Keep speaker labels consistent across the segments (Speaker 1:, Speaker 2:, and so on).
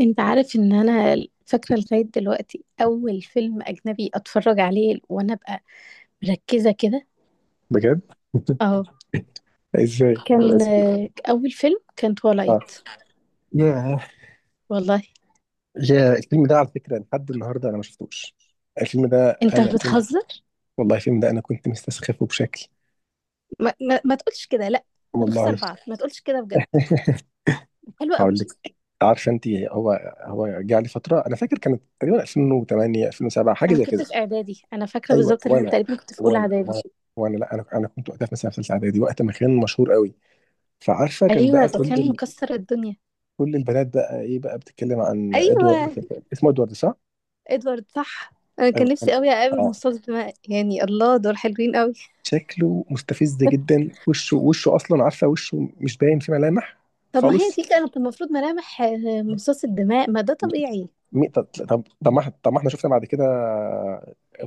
Speaker 1: انت عارف ان انا فاكره لغايه دلوقتي اول فيلم اجنبي اتفرج عليه وانا ابقى مركزه كده.
Speaker 2: بجد.
Speaker 1: اه
Speaker 2: ازاي
Speaker 1: كان
Speaker 2: اسمه؟
Speaker 1: اول فيلم كان
Speaker 2: اه،
Speaker 1: تولايت.
Speaker 2: ياه،
Speaker 1: والله.
Speaker 2: يا الفيلم ده على فكره لحد النهارده انا ما شفتوش. الفيلم ده
Speaker 1: انت
Speaker 2: انا كنت،
Speaker 1: بتهزر.
Speaker 2: والله الفيلم ده انا كنت مستسخفه بشكل
Speaker 1: ما تقولش كده، لا.
Speaker 2: والله.
Speaker 1: هنخسر بعض، ما تقولش كده بجد. حلو
Speaker 2: هقول
Speaker 1: قوي.
Speaker 2: لك. عارفه انت هو، هو جه علي فتره انا فاكر كانت تقريبا 2008 2007 حاجه
Speaker 1: انا
Speaker 2: زي كده.
Speaker 1: كنت في اعدادي، انا فاكره
Speaker 2: ايوه،
Speaker 1: بالظبط ان انا تقريبا كنت في اولى
Speaker 2: وانا
Speaker 1: اعدادي.
Speaker 2: وانا وانا لا انا كنت وقتها في مثلا في ثالثه اعدادي وقت ما كان مشهور قوي. فعارفه كان
Speaker 1: ايوه
Speaker 2: بقى
Speaker 1: ده كان مكسر الدنيا.
Speaker 2: كل البنات بقى ايه بقى بتتكلم عن
Speaker 1: ايوه،
Speaker 2: ادوارد، اسمه ادوارد صح؟
Speaker 1: ادوارد صح. انا كان
Speaker 2: ايوه
Speaker 1: نفسي قوي اقابل
Speaker 2: اه
Speaker 1: مصاص دماء يعني، الله دول حلوين قوي.
Speaker 2: شكله مستفز جدا، وشه اصلا عارفه وشه مش باين فيه ملامح
Speaker 1: طب ما هي
Speaker 2: خالص.
Speaker 1: دي كانت المفروض ملامح مصاص الدماء، ما ده طبيعي.
Speaker 2: طب ما طب ما احنا شفنا بعد كده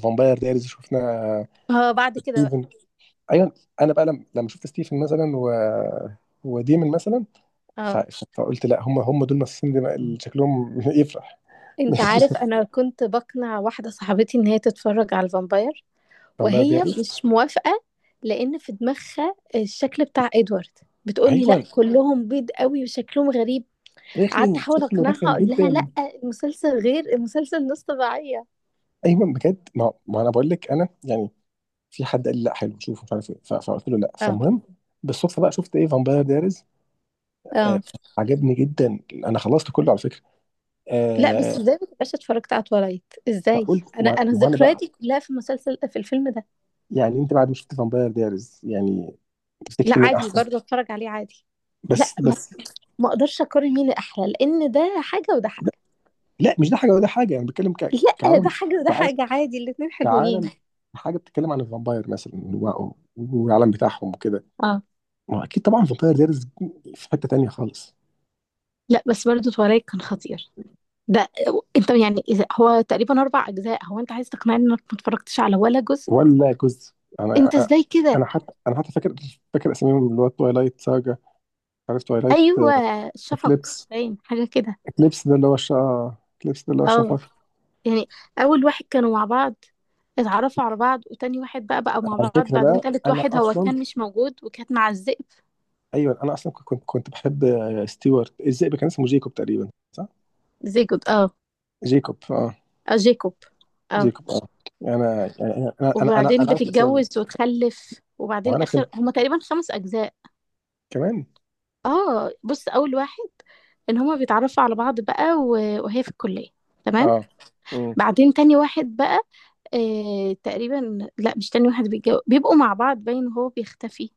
Speaker 2: فامباير دايريز شفنا
Speaker 1: اه بعد كده بقى.
Speaker 2: ستيفن. ايوه انا بقى لما شفت ستيفن مثلا و، وديمن مثلا.
Speaker 1: اه،
Speaker 2: فقلت لا، هم دول الممثلين اللي شكلهم يفرح.
Speaker 1: انت عارف انا كنت بقنع واحدة صاحبتي ان هي تتفرج على الفامباير
Speaker 2: فامباير
Speaker 1: وهي
Speaker 2: دايريز.
Speaker 1: مش موافقة، لان في دماغها الشكل بتاع ادوارد. بتقولي
Speaker 2: ايوه
Speaker 1: لا كلهم بيض قوي وشكلهم غريب. قعدت
Speaker 2: رخم،
Speaker 1: احاول
Speaker 2: شكله
Speaker 1: اقنعها،
Speaker 2: رخم
Speaker 1: اقول لها
Speaker 2: جدا.
Speaker 1: لا، المسلسل غير، المسلسل نص طبيعية.
Speaker 2: ايوه بجد، ما, ما انا بقول لك انا يعني في حد قال لي لا حلو شوفه مش عارف ايه، فقلت له لا.
Speaker 1: اه
Speaker 2: فالمهم بالصدفه بقى شفت ايه فامباير دايرز. آه
Speaker 1: اه.
Speaker 2: عجبني جدا، انا خلصت كله على فكره.
Speaker 1: لا
Speaker 2: آه
Speaker 1: بس ازاي ما تبقاش اتفرجت على تولايت ازاي؟
Speaker 2: فقلت
Speaker 1: انا
Speaker 2: ما
Speaker 1: انا
Speaker 2: ما انا بقى.
Speaker 1: ذكرياتي كلها في المسلسل، في الفيلم ده.
Speaker 2: يعني انت بعد ما شفت فامباير دايرز يعني
Speaker 1: لا
Speaker 2: تفتكر مين
Speaker 1: عادي
Speaker 2: احسن؟
Speaker 1: برضه اتفرج عليه عادي. لا،
Speaker 2: بس
Speaker 1: ما,
Speaker 2: بس
Speaker 1: ما اقدرش اقارن مين احلى لان ده حاجه وده حاجه.
Speaker 2: لا مش ده حاجه ولا حاجه، انا بتكلم
Speaker 1: لا ده
Speaker 2: كعالم.
Speaker 1: حاجه وده
Speaker 2: كعالم.
Speaker 1: حاجه، عادي الاتنين حلوين.
Speaker 2: كعالم، حاجه بتتكلم عن الفامباير مثلا والعالم بتاعهم وكده.
Speaker 1: اه
Speaker 2: ما هو اكيد طبعا فامباير دايرز في حته تانيه خالص.
Speaker 1: لا بس برضه تورايك كان خطير. ده انت يعني اذا هو تقريبا اربع اجزاء، هو انت عايز تقنعني انك ما اتفرجتش على ولا جزء؟
Speaker 2: ولا جزء. انا
Speaker 1: انت ازاي كده؟
Speaker 2: انا حتى، فاكر، فاكر اساميهم اللي هو تويلايت ساجا. عارف تويلايت؟
Speaker 1: ايوه شفق،
Speaker 2: اكليبس.
Speaker 1: باين حاجه كده.
Speaker 2: اكليبس ده اللي هو الشا اكليبس ده اللي هو
Speaker 1: اه
Speaker 2: الشفق.
Speaker 1: يعني اول واحد كانوا مع بعض، اتعرفوا على بعض، وتاني واحد بقى مع
Speaker 2: على
Speaker 1: بعض،
Speaker 2: فكره
Speaker 1: بعدين
Speaker 2: بقى
Speaker 1: تالت
Speaker 2: انا
Speaker 1: واحد هو
Speaker 2: اصلا،
Speaker 1: كان مش موجود وكانت مع الذئب.
Speaker 2: ايوه انا اصلا كنت بحب ستيوارت. الذئب كان اسمه جيكوب تقريبا صح؟
Speaker 1: زيجود اه.
Speaker 2: جيكوب اه.
Speaker 1: اه جيكوب اه.
Speaker 2: جيكوب اه. انا يعني يعني، انا انا انا
Speaker 1: وبعدين
Speaker 2: انا عارف اسامي.
Speaker 1: بتتجوز وتخلف، وبعدين
Speaker 2: وانا
Speaker 1: اخر
Speaker 2: كنت
Speaker 1: هما تقريبا خمس اجزاء.
Speaker 2: كمان.
Speaker 1: اه بص، اول واحد ان هما بيتعرفوا على بعض بقى وهي في الكلية، تمام.
Speaker 2: اه. امم.
Speaker 1: بعدين تاني واحد بقى، تقريبا لا مش تاني واحد بيتجوز، بيبقوا مع بعض باين هو بيختفي.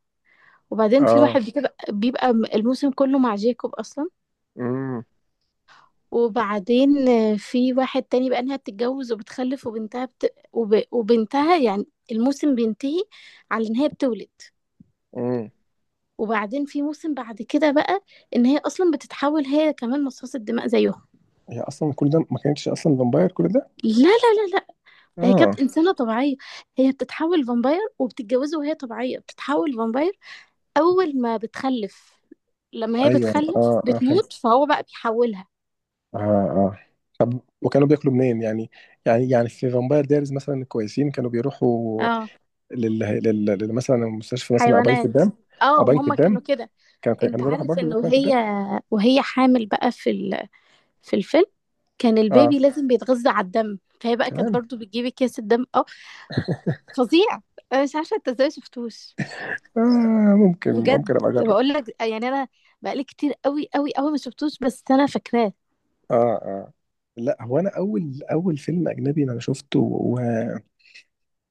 Speaker 1: وبعدين في واحد
Speaker 2: اه.
Speaker 1: بيبقى الموسم كله مع جيكوب اصلا.
Speaker 2: امم.
Speaker 1: وبعدين في واحد تاني بقى انها بتتجوز وبتخلف وبنتها وبنتها يعني الموسم بينتهي على ان هي بتولد.
Speaker 2: امم.
Speaker 1: وبعدين في موسم بعد كده بقى ان هي اصلا بتتحول، هي كمان مصاصة دماء زيهم.
Speaker 2: هي اصلا كل ده ما كانتش اصلا فامباير كل ده.
Speaker 1: لا. هي
Speaker 2: اه
Speaker 1: كانت انسانة طبيعية. هي بتتحول فامباير وبتتجوزه، وهي طبيعية بتتحول فامباير اول ما بتخلف. لما هي
Speaker 2: ايوه
Speaker 1: بتخلف
Speaker 2: اه اه
Speaker 1: بتموت، فهو بقى بيحولها.
Speaker 2: آه آه. وكانوا بياكلوا منين يعني؟ يعني في فامباير دايريز مثلا الكويسين كانوا بيروحوا
Speaker 1: اه
Speaker 2: مثلا المستشفى، مثلا او بنك
Speaker 1: حيوانات.
Speaker 2: الدم. او
Speaker 1: اه ما
Speaker 2: بنك
Speaker 1: هم
Speaker 2: الدم.
Speaker 1: كانوا كده. انت
Speaker 2: كانوا بيروحوا
Speaker 1: عارف
Speaker 2: برضه،
Speaker 1: ان
Speaker 2: بيروحوا بنك
Speaker 1: وهي
Speaker 2: الدم.
Speaker 1: حامل بقى في ال... في الفيلم، كان
Speaker 2: اه
Speaker 1: البيبي لازم بيتغذى على الدم، فهي بقى كانت
Speaker 2: كمان.
Speaker 1: برضو بتجيب اكياس الدم اه. فظيع، انا مش عارفه انت ازاي ما شفتوش.
Speaker 2: آه ممكن،
Speaker 1: بجد،
Speaker 2: ابقى اجرب.
Speaker 1: بقول لك يعني انا بقالي كتير قوي قوي قوي ما شفتوش بس انا فاكراه.
Speaker 2: اه اه. لا هو انا اول فيلم اجنبي انا شفته و،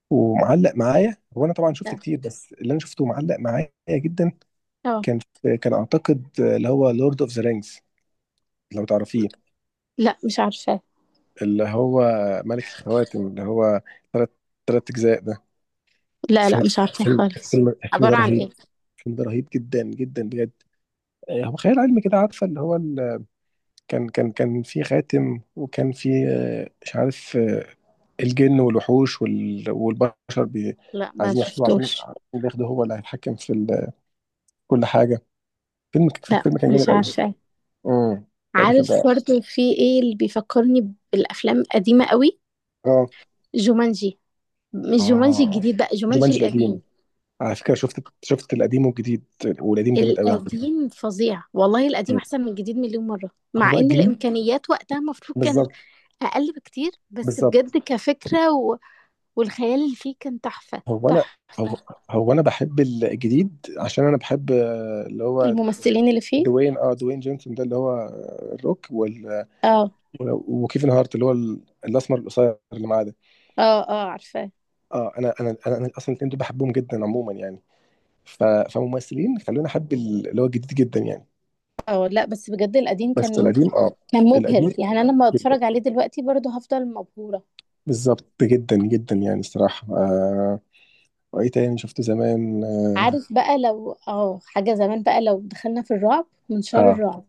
Speaker 2: ومعلق معايا هو انا طبعا شفت
Speaker 1: لا
Speaker 2: كتير بس اللي انا شفته معلق معايا جدا.
Speaker 1: اه.
Speaker 2: كان اعتقد اللي هو لورد اوف ذا رينجز، لو تعرفيه.
Speaker 1: لا مش عارفاه.
Speaker 2: اللي هو ملك الخواتم، اللي هو ثلاث، ثلاث اجزاء ده
Speaker 1: لا لا
Speaker 2: فيلم.
Speaker 1: مش عارفاه خالص.
Speaker 2: الفيلم ده
Speaker 1: عبارة عن
Speaker 2: رهيب.
Speaker 1: ايه؟
Speaker 2: الفيلم ده رهيب جدا جدا بجد. آه، هو خيال علمي كده عارفه اللي هو ال... كان في خاتم، وكان في آه، مش عارف آه، الجن والوحوش والبشر
Speaker 1: لا ما
Speaker 2: عايزين يحكموا عشان
Speaker 1: شفتوش.
Speaker 2: عشان بياخده هو اللي هيتحكم في ال... كل حاجه.
Speaker 1: لا
Speaker 2: الفيلم كان جامد
Speaker 1: مش
Speaker 2: قوي.
Speaker 1: عارفاه.
Speaker 2: امم. ده كان
Speaker 1: عارف
Speaker 2: ده
Speaker 1: برضو في ايه اللي بيفكرني بالافلام القديمه قوي؟
Speaker 2: اه
Speaker 1: جومانجي، مش جومانجي
Speaker 2: اه
Speaker 1: الجديد بقى، جومانجي
Speaker 2: جومانجي القديم.
Speaker 1: القديم.
Speaker 2: على فكره شفت القديم والجديد، والقديم جامد قوي على فكره.
Speaker 1: القديم فظيع والله، القديم
Speaker 2: مم.
Speaker 1: احسن من الجديد مليون مره،
Speaker 2: هو
Speaker 1: مع ان
Speaker 2: الجديد
Speaker 1: الامكانيات وقتها المفروض كانت
Speaker 2: بالظبط.
Speaker 1: اقل بكتير، بس
Speaker 2: بالظبط.
Speaker 1: بجد كفكرة و... والخيال اللي فيه كان تحفة
Speaker 2: هو انا هو,
Speaker 1: تحفة.
Speaker 2: هو انا بحب الجديد عشان انا بحب آه، اللي هو
Speaker 1: الممثلين اللي فيه
Speaker 2: دوين. اه دوين جونسون ده اللي هو آه، الروك.
Speaker 1: اه
Speaker 2: وكيفن هارت اللي هو الاسمر القصير اللي معاه ده.
Speaker 1: اه. اه عارفاه.
Speaker 2: اه انا اصلا الاثنين دول بحبهم جدا عموما يعني. فممثلين خلوني احب اللي هو الجديد جدا يعني.
Speaker 1: اه لا بس بجد القديم
Speaker 2: بس
Speaker 1: كان
Speaker 2: القديم اه،
Speaker 1: كان مبهر،
Speaker 2: القديم
Speaker 1: يعني انا لما
Speaker 2: جدا.
Speaker 1: اتفرج عليه دلوقتي برضه هفضل مبهورة.
Speaker 2: بالظبط جدا جدا يعني الصراحه آه. وايه تاني شفته زمان؟
Speaker 1: عارف بقى لو اه حاجة زمان، بقى لو دخلنا في الرعب،
Speaker 2: اه
Speaker 1: منشار
Speaker 2: اه
Speaker 1: الرعب.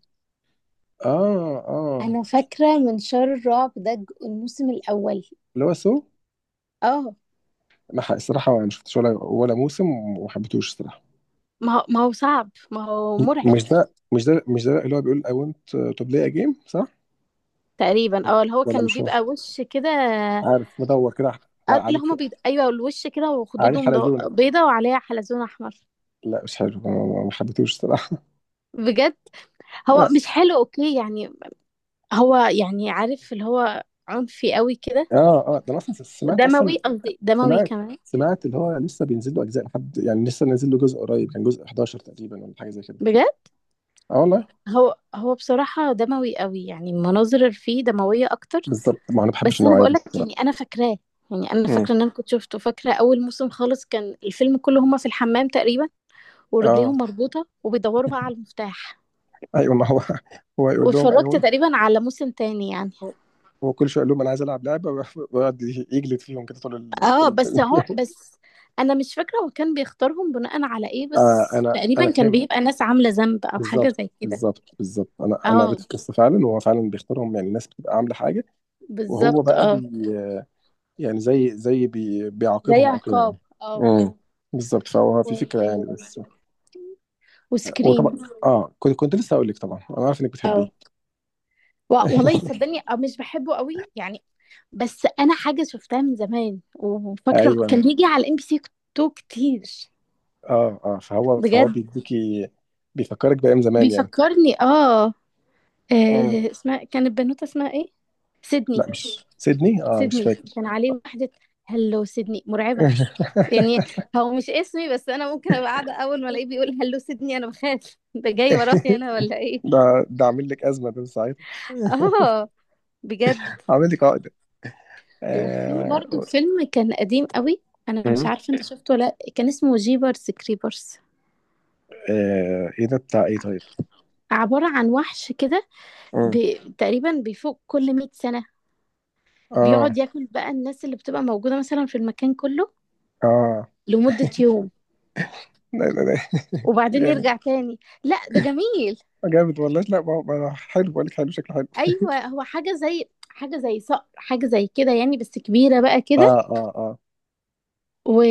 Speaker 2: اه آه.
Speaker 1: انا فاكرة منشار الرعب ده الموسم الاول.
Speaker 2: اللي هو سو.
Speaker 1: اه
Speaker 2: ما ح- الصراحه ما شفتش ولا موسم وما حبيتهوش الصراحه.
Speaker 1: ما هو، ما هو صعب، ما هو مرعب.
Speaker 2: مش ده اللي هو بيقول I want to play a game صح؟
Speaker 1: تقريبا اه اللي هو
Speaker 2: ولا
Speaker 1: كان
Speaker 2: مش هو؟
Speaker 1: بيبقى وش كده.
Speaker 2: عارف مدور كده
Speaker 1: اه اللي
Speaker 2: عليك.
Speaker 1: هما ايوه الوش كده،
Speaker 2: عليه
Speaker 1: وخدودهم
Speaker 2: حلزونه.
Speaker 1: بيضة وعليها حلزون احمر.
Speaker 2: لا مش حلو، ما حبيتهوش الصراحه.
Speaker 1: بجد.
Speaker 2: لا
Speaker 1: هو مش حلو اوكي يعني. هو يعني عارف اللي هو عنفي قوي كده.
Speaker 2: اه اه ده انا اصلا سمعت اصلا،
Speaker 1: دموي، قصدي دموي
Speaker 2: سمعت
Speaker 1: كمان.
Speaker 2: سمعت اللي هو لسه بينزل له اجزاء لحد يعني لسه نازل له جزء قريب، كان جزء 11 تقريبا ولا حاجه زي كده.
Speaker 1: بجد.
Speaker 2: اه والله.
Speaker 1: هو هو بصراحة دموي قوي، يعني المناظر اللي فيه دموية اكتر.
Speaker 2: بالظبط، ما انا ما بحبش
Speaker 1: بس انا
Speaker 2: النوعيه دي
Speaker 1: بقولك
Speaker 2: الصراحه.
Speaker 1: يعني انا فاكراه، يعني انا فاكره
Speaker 2: امم.
Speaker 1: ان انا كنت شفته. فاكره اول موسم خالص كان الفيلم كله هما في الحمام تقريبا،
Speaker 2: اه.
Speaker 1: ورجليهم مربوطه وبيدوروا بقى على المفتاح.
Speaker 2: ايوه ما هو هو يقول لهم
Speaker 1: واتفرجت
Speaker 2: ايوه.
Speaker 1: تقريبا على موسم تاني يعني.
Speaker 2: هو كل شويه يقول لهم انا عايز العب لعبه، ويقعد يجلد فيهم كده طول ال... طول
Speaker 1: اه بس هو،
Speaker 2: ال...
Speaker 1: بس انا مش فاكره هو كان بيختارهم بناء على ايه،
Speaker 2: آه
Speaker 1: بس
Speaker 2: انا
Speaker 1: تقريبا كان
Speaker 2: فهمت.
Speaker 1: بيبقى ناس عامله ذنب او حاجه
Speaker 2: بالظبط
Speaker 1: زي كده.
Speaker 2: بالظبط بالظبط، انا قريت
Speaker 1: اه
Speaker 2: القصه فعلا، وهو فعلا بيختارهم يعني الناس بتبقى عامله حاجه. وهو
Speaker 1: بالظبط
Speaker 2: بقى
Speaker 1: اه.
Speaker 2: بي يعني زي، زي
Speaker 1: زي
Speaker 2: بيعاقبهم او كده
Speaker 1: عقاب
Speaker 2: يعني.
Speaker 1: اه.
Speaker 2: امم بالظبط. فهو في فكره
Speaker 1: و...
Speaker 2: يعني بس. وطبعا
Speaker 1: وسكريم.
Speaker 2: اه كنت لسه هقول لك طبعا انا عارف انك بتحبيه.
Speaker 1: اه و... والله صدقني اه مش بحبه قوي يعني، بس انا حاجه شفتها من زمان، وفاكره
Speaker 2: ايوه
Speaker 1: كان بيجي على ام بي سي تو كتير.
Speaker 2: اه اه فهو
Speaker 1: بجد،
Speaker 2: بيديكي، بيفكرك بايام زمان
Speaker 1: بيفكرني اه.
Speaker 2: يعني.
Speaker 1: اسمها كانت بنوته، اسمها ايه؟
Speaker 2: لا
Speaker 1: سيدني.
Speaker 2: مش سيدني، اه مش
Speaker 1: سيدني
Speaker 2: فاكر.
Speaker 1: كان عليه واحده، هلو سيدني، مرعبه يعني. هو مش اسمي، بس انا ممكن ابقى قاعده اول ما الاقيه بيقول هلو سيبني انا بخاف، ده جاي ورايا انا ولا ايه.
Speaker 2: ده ده عامل لك ازمه ده ساعتها.
Speaker 1: اه بجد.
Speaker 2: عامل لي قاعده
Speaker 1: وفي برضو
Speaker 2: آه...
Speaker 1: فيلم كان قديم قوي، انا
Speaker 2: م-
Speaker 1: مش عارفه انت شفته ولا لأ، كان اسمه جيبرز كريبرز.
Speaker 2: آه... ايه ده بتاع ايه طيب؟
Speaker 1: عباره عن وحش كده ب...
Speaker 2: م-
Speaker 1: تقريبا بيفوق كل 100 سنه،
Speaker 2: اه
Speaker 1: بيقعد ياكل بقى الناس اللي بتبقى موجوده مثلا في المكان كله
Speaker 2: اه.
Speaker 1: لمده يوم،
Speaker 2: لا لا لا
Speaker 1: وبعدين
Speaker 2: جامد،
Speaker 1: يرجع تاني. لا ده جميل.
Speaker 2: جامد والله. لا ما هو حلو بقول لك، حلو شكله حلو.
Speaker 1: ايوه هو حاجه زي، حاجه زي صقر، حاجه زي كده يعني بس كبيره بقى كده،
Speaker 2: اه اه اه.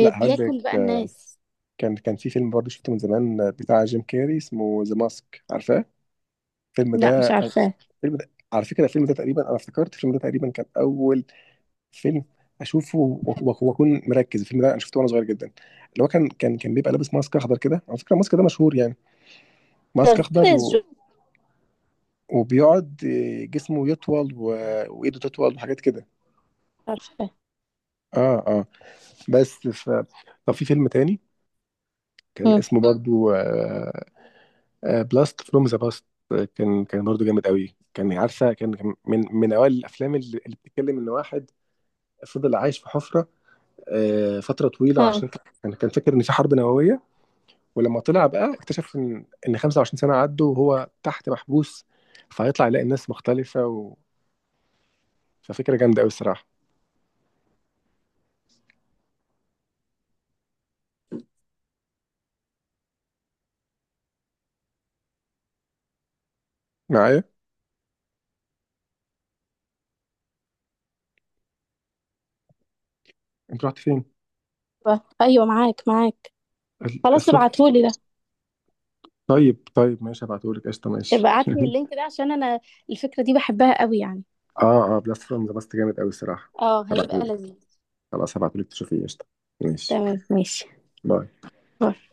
Speaker 2: لا هقول لك
Speaker 1: بقى
Speaker 2: آه،
Speaker 1: الناس.
Speaker 2: كان في فيلم برضه شفته من زمان آه، بتاع جيم كاري اسمه ذا ماسك، عارفاه؟ الفيلم
Speaker 1: لا
Speaker 2: ده،
Speaker 1: مش عارفاه.
Speaker 2: الفيلم ده على فكره الفيلم ده تقريبا انا افتكرت الفيلم ده تقريبا كان اول فيلم اشوفه، واكون مركز. الفيلم ده انا شفته وانا صغير جدا. اللي هو كان بيبقى لابس ماسك اخضر كده، على فكره الماسك ده مشهور يعني.
Speaker 1: ده
Speaker 2: ماسك
Speaker 1: غدا
Speaker 2: اخضر و،
Speaker 1: الزوج.
Speaker 2: وبيقعد آه، جسمه يطول و، وايده تطول وحاجات كده.
Speaker 1: مش عارفاه.
Speaker 2: اه اه بس طب في فيلم تاني كان
Speaker 1: مم.
Speaker 2: اسمه برضو بلاست فروم ذا باست. كان برضو جامد قوي كان. عارفه كان من اوائل الافلام اللي بتتكلم ان واحد فضل عايش في حفره آه، فتره طويله
Speaker 1: اه
Speaker 2: عشان كان فاكر ان في حرب نوويه. ولما طلع بقى اكتشف ان 25 سنه عدوا وهو تحت محبوس، فهيطلع يلاقي الناس مختلفه و، ففكره جامده قوي الصراحه. معايا؟ انت رحت فين؟
Speaker 1: ايوه معاك معاك. خلاص
Speaker 2: الصوت.
Speaker 1: ابعتهولي ده.
Speaker 2: طيب ماشي هبعتهولك قشطه ماشي.
Speaker 1: ابقى ابعتلي اللينك ده عشان انا الفكرة دي بحبها قوي يعني.
Speaker 2: اه اه بلاست فروم ذا باست جامد قوي الصراحه.
Speaker 1: اه هيبقى
Speaker 2: هبعتهولك،
Speaker 1: لذيذ.
Speaker 2: خلاص هبعتهولك تشوفيه قشطه. ماشي.
Speaker 1: تمام ماشي.
Speaker 2: باي.
Speaker 1: باي.